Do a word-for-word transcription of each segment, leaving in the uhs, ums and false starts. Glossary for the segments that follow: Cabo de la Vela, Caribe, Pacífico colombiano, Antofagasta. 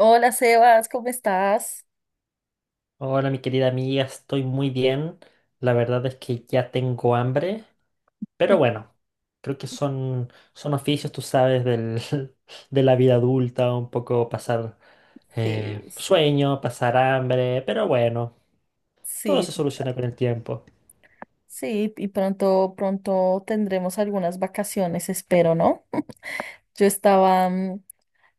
Hola Sebas, ¿cómo estás? Hola, mi querida amiga, estoy muy bien. La verdad es que ya tengo hambre, pero bueno, creo que son, son oficios, tú sabes, del, de la vida adulta, un poco pasar eh, Sí, sí. sueño, pasar hambre, pero bueno, todo Sí, se soluciona con el tiempo. sí, y pronto, pronto tendremos algunas vacaciones, espero, ¿no? Yo estaba, mm,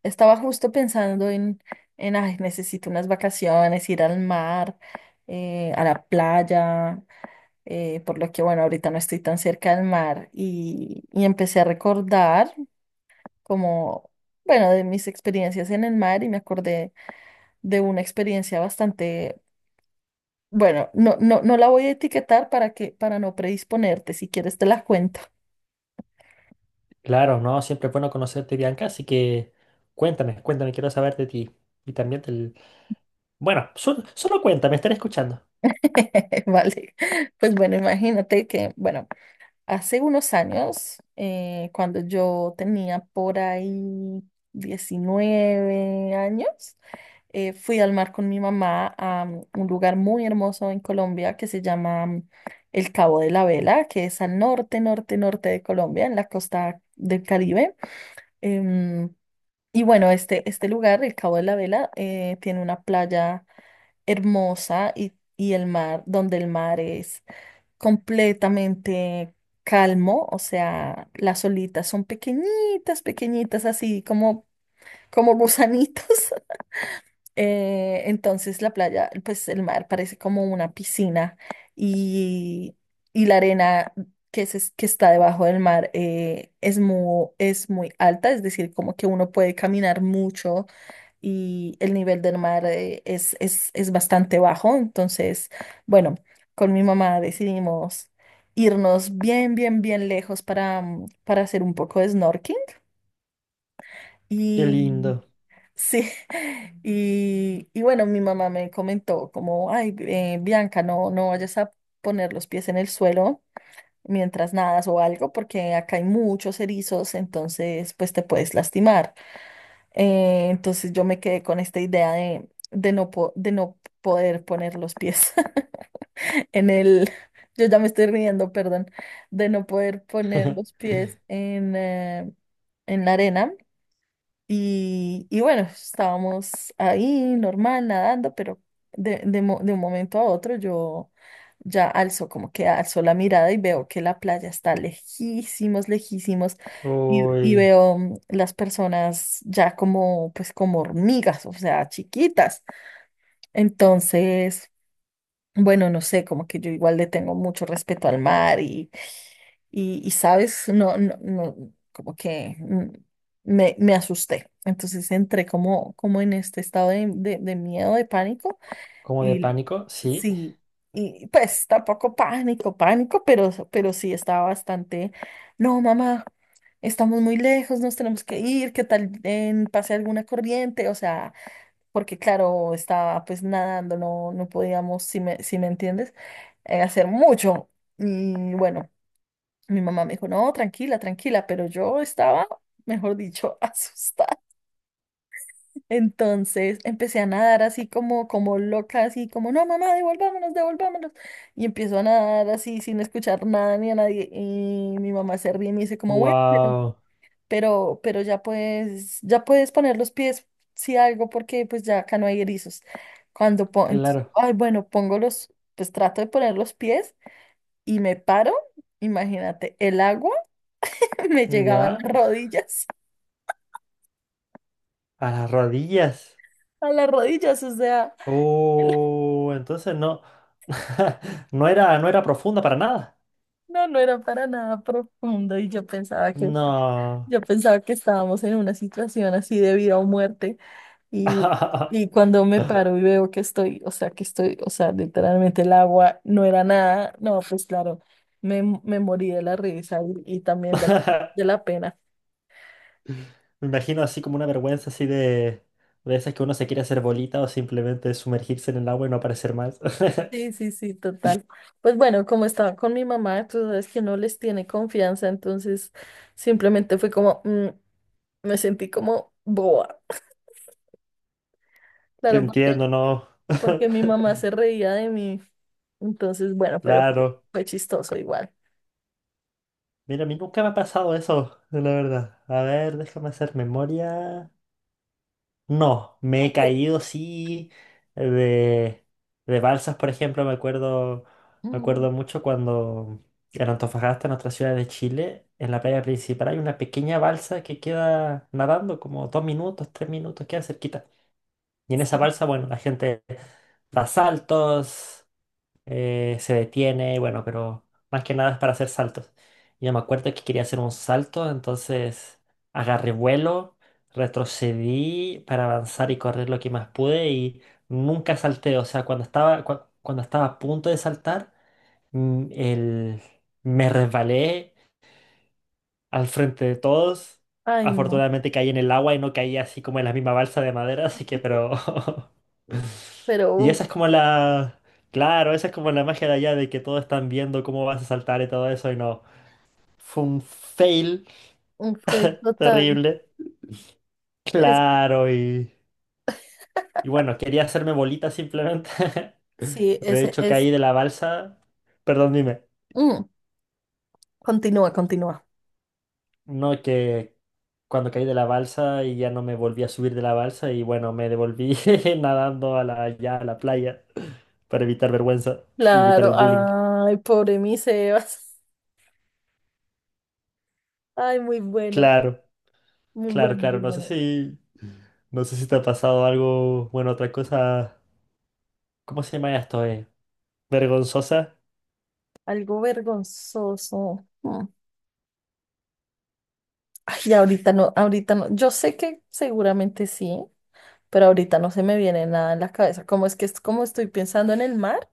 estaba justo pensando en, en, ay, necesito unas vacaciones, ir al mar, eh, a la playa, eh, por lo que, bueno, ahorita no estoy tan cerca del mar y, y empecé a recordar como, bueno, de mis experiencias en el mar y me acordé de una experiencia bastante. Bueno, no, no, no la voy a etiquetar para que, para no predisponerte, si quieres te la cuento. Claro, ¿no? Siempre es bueno conocerte, Bianca, así que cuéntame, cuéntame, quiero saber de ti. Y también del... Bueno, sol- solo cuéntame, estaré escuchando. Vale. Pues bueno, imagínate que, bueno, hace unos años, eh, cuando yo tenía por ahí diecinueve años, eh, fui al mar con mi mamá a mm, un lugar muy hermoso en Colombia que se llama mm, el Cabo de la Vela, que es al norte, norte, norte de Colombia, en la costa del Caribe. Em, Y bueno, este, este lugar, el Cabo de la Vela, eh, tiene una playa hermosa y, y el mar, donde el mar es completamente calmo, o sea, las olitas son pequeñitas, pequeñitas, así como, como gusanitos. Eh, entonces la playa, pues el mar parece como una piscina y, y la arena que, se- que está debajo del mar eh, es muy, es muy alta, es decir, como que uno puede caminar mucho y el nivel del mar eh, es, es, es bastante bajo. Entonces, bueno, con mi mamá decidimos irnos bien, bien, bien lejos para, mm, para hacer un poco de snorkeling. Qué Y lindo. sí, y, y bueno, mi mamá me comentó como, ay, eh, Bianca, no, no vayas a poner los pies en el suelo mientras nadas o algo, porque acá hay muchos erizos, entonces pues te puedes lastimar. Eh, entonces yo me quedé con esta idea de, de no, po- de no poder poner los pies en el, yo ya me estoy riendo, perdón, de no poder poner los pies en, eh, en la arena y, y bueno, estábamos ahí normal, nadando, pero de, de mo- de un momento a otro yo ya alzo, como que alzo la mirada y veo que la playa está lejísimos, lejísimos, y, y Uy, veo mm, las personas ya como, pues como hormigas, o sea, chiquitas. Entonces, bueno, no sé, como que yo igual le tengo mucho respeto al mar y, y, sabes, no, no, no, como que mm, me, me asusté. Entonces entré como, como en este estado de, de, de miedo, de pánico. como de Y pánico, sí. sí, y pues tampoco pánico, pánico, pero, pero sí estaba bastante, no, mamá, estamos muy lejos, nos tenemos que ir, ¿qué tal en pase alguna corriente? O sea, porque claro, estaba pues nadando, no, no podíamos, si me, si me entiendes, eh, hacer mucho. Y bueno. Mi mamá me dijo, no, tranquila, tranquila, pero yo estaba, mejor dicho, asustada. Entonces empecé a nadar así como, como loca, así como, no, mamá, devolvámonos, devolvámonos. Y empiezo a nadar así sin escuchar nada ni a nadie. Y mi mamá se ríe y me dice como, bueno, Wow, pero, pero ya puedes, ya puedes poner los pies, si algo, porque pues ya acá no hay erizos. Cuando pongo, claro, ay, bueno, pongo los, pues trato de poner los pies y me paro, imagínate, el agua. me llegaba a ya, las rodillas, a las rodillas. a las rodillas, o sea, Oh, entonces no, no era, no era profunda para nada. no, no era para nada profundo y yo pensaba que, No. yo pensaba que estábamos en una situación así de vida o muerte y, y cuando me paro y veo que estoy, o sea, que estoy, o sea, literalmente el agua no era nada, no, pues claro, me, me morí de la risa y, y también de la, de la pena. Me imagino así como una vergüenza así de, de esas que uno se quiere hacer bolita o simplemente sumergirse en el agua y no aparecer más. Sí, sí, sí, total. Pues bueno, como estaba con mi mamá, tú sabes que no les tiene confianza, entonces simplemente fue como... mm, me sentí como boba. Te Claro, porque, entiendo, ¿no? porque mi mamá se reía de mí. Entonces, bueno, pero fue Claro. fue chistoso igual. Mira, a mí nunca me ha pasado eso, la verdad. A ver, déjame hacer memoria. No, me he Aunque, caído sí de, de balsas, por ejemplo, me acuerdo, me mm, acuerdo mucho cuando en Antofagasta, en nuestra ciudad de Chile, en la playa principal hay una pequeña balsa que queda nadando como dos minutos, tres minutos, queda cerquita. Y en esa sí. balsa, bueno, la gente da saltos, eh, se detiene, bueno, pero más que nada es para hacer saltos. Y yo me acuerdo que quería hacer un salto, entonces agarré vuelo, retrocedí para avanzar y correr lo que más pude y nunca salté. O sea, cuando estaba, cua- cuando estaba a punto de saltar, mm, el- me resbalé al frente de todos. Ay, no. Afortunadamente caí en el agua y no caí así como en la misma balsa de madera, así que pero Pero y esa uf, es como la... Claro, esa es como la magia de allá de que todos están viendo cómo vas a saltar y todo eso y no. Fue un fail un fail total. terrible. Es, Claro, y... Y bueno, quería hacerme bolita simplemente. sí, De ese hecho, es. caí de la balsa. Perdón, dime. Mm, continúa, continúa. No, que cuando caí de la balsa y ya no me volví a subir de la balsa y bueno, me devolví nadando a la, ya a la playa para evitar vergüenza y evitar el Claro, bullying. ay, pobre mi Sebas. Ay, muy bueno, Claro, muy bueno, claro, muy claro. No sé bueno. si... No sé si te ha pasado algo, bueno, otra cosa, ¿cómo se llama esto, eh? Vergonzosa. Algo vergonzoso. Mm. Ay, ahorita no, ahorita no. Yo sé que seguramente sí, pero ahorita no se me viene nada en la cabeza. Como es que es como estoy pensando en el mar,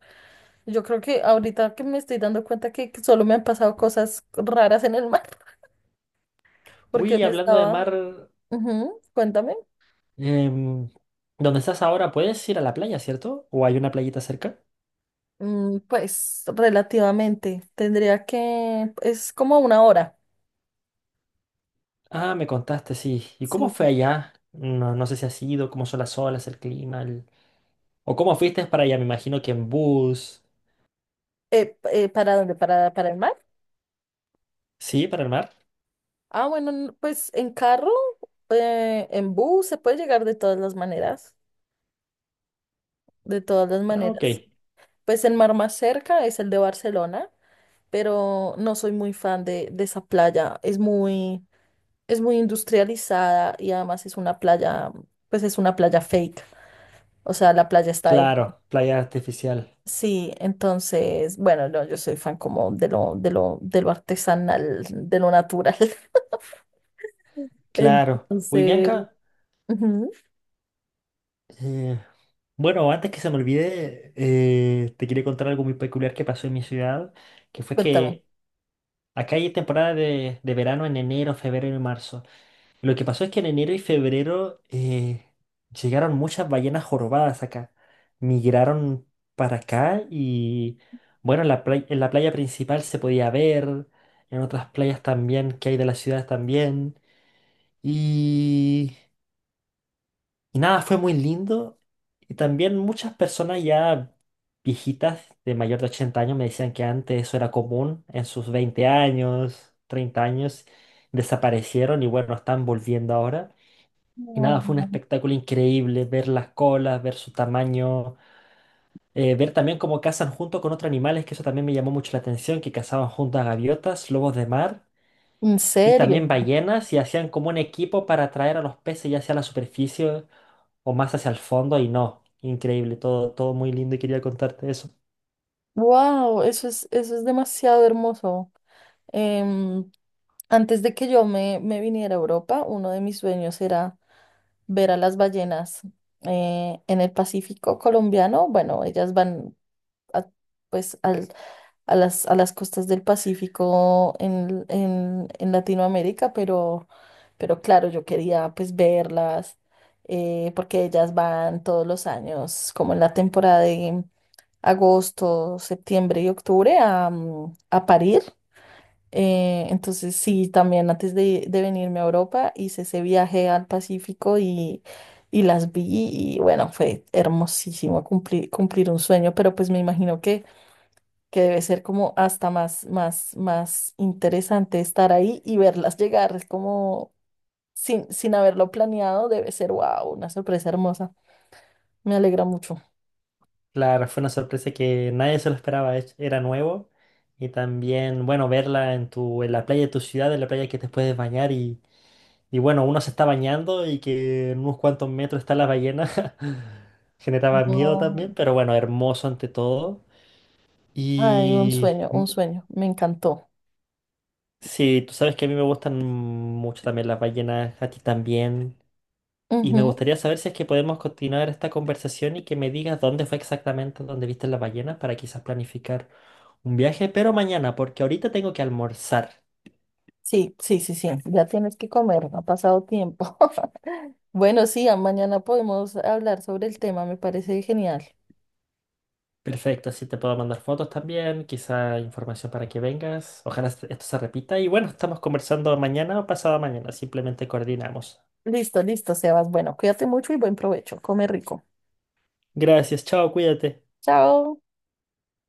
yo creo que ahorita que me estoy dando cuenta que que solo me han pasado cosas raras en el mar, porque Uy, me hablando de estaba... mar, Ujú, cuéntame. em, ¿dónde estás ahora? ¿Puedes ir a la playa, cierto? ¿O hay una playita cerca? Mm, pues relativamente, tendría que... Es como una hora. Ah, me contaste, sí. ¿Y cómo Sí. fue allá? No, no sé si has ido, cómo son las olas, el clima, el- o cómo fuiste para allá, me imagino que en bus. Eh, eh, ¿para dónde? ¿Para, para el mar? ¿Sí? ¿Para el mar? Ah, bueno, n- pues en carro, eh, en bus, se puede llegar de todas las maneras, de todas las Ah, ok. maneras. Pues el mar más cerca es el de Barcelona, pero no soy muy fan de, de esa playa. Es muy, es muy industrializada y además es una playa, pues es una playa fake. O sea, la playa está ahí. Claro, playa artificial. Sí, entonces, bueno, no, yo soy fan como de lo, de lo, de lo artesanal, de lo natural. Claro. Uy, Entonces, Bianca. ujú, eh, Bueno, antes que se me olvide, eh, te quería contar algo muy peculiar que pasó en mi ciudad, que fue cuéntame. que acá hay temporada de, de verano en enero, febrero y marzo. Lo que pasó es que en enero y febrero eh, llegaron muchas ballenas jorobadas acá. Migraron para acá y, bueno, en la play- en la playa principal se podía ver, en otras playas también que hay de la ciudad también. Y nada, fue muy lindo. Y también muchas personas ya viejitas de mayor de ochenta años me decían que antes eso era común en sus veinte años, treinta años, desaparecieron y bueno, están volviendo ahora. Y No. nada, fue un espectáculo increíble ver las colas, ver su tamaño, eh, ver también cómo cazan junto con otros animales, que eso también me llamó mucho la atención, que cazaban junto a gaviotas, lobos de mar ¿En y serio? también ballenas y hacían como un equipo para atraer a los peces ya hacia la superficie o más hacia el fondo y no. Increíble, todo, todo muy lindo y quería contarte eso. Wow, eso es, eso es demasiado hermoso. Em, antes de que yo me, me viniera a Europa, uno de mis sueños era ver a las ballenas eh, en el Pacífico colombiano. Bueno, ellas van a, pues al- a las, a las costas del Pacífico en, en- en Latinoamérica, pero, pero claro, yo quería pues verlas eh, porque ellas van todos los años, como en la temporada de agosto, septiembre y octubre a, mm, a parir. Eh, entonces sí, también antes de, de venirme a Europa hice ese viaje al Pacífico y, y las vi y bueno, fue hermosísimo cumplir, cumplir un sueño, pero pues me imagino que, que debe ser como hasta más, más, más interesante estar ahí y verlas llegar, es como sin, sin haberlo planeado, debe ser wow, una sorpresa hermosa, me alegra mucho. Claro, fue una sorpresa que nadie se lo esperaba, es- era nuevo. Y también, bueno, verla en tu, en la playa de tu ciudad, en la playa que te puedes bañar y, y bueno, uno se está bañando y que en unos cuantos metros está la ballena. Generaba miedo No, también, pero bueno, hermoso ante todo. ay, un Y sueño, mm, un sueño, me encantó. sí, tú sabes que a mí me gustan mucho también las ballenas, a ti también. Y me gustaría saber si es que podemos continuar esta conversación y que me digas dónde fue exactamente donde viste la ballena para quizás planificar un viaje, pero mañana, porque ahorita tengo que almorzar. Sí, sí, sí, sí, ya tienes que comer, no ha pasado tiempo. Bueno, sí, a- mañana podemos hablar sobre el tema, me parece genial. Perfecto, así te puedo mandar fotos también, quizá información para que vengas. Ojalá est- esto se repita. Y bueno, estamos conversando mañana o pasado mañana, simplemente coordinamos. Listo, listo, Sebas. Bueno, cuídate mucho y buen provecho. Come rico. Gracias, chao, cuídate. Chao.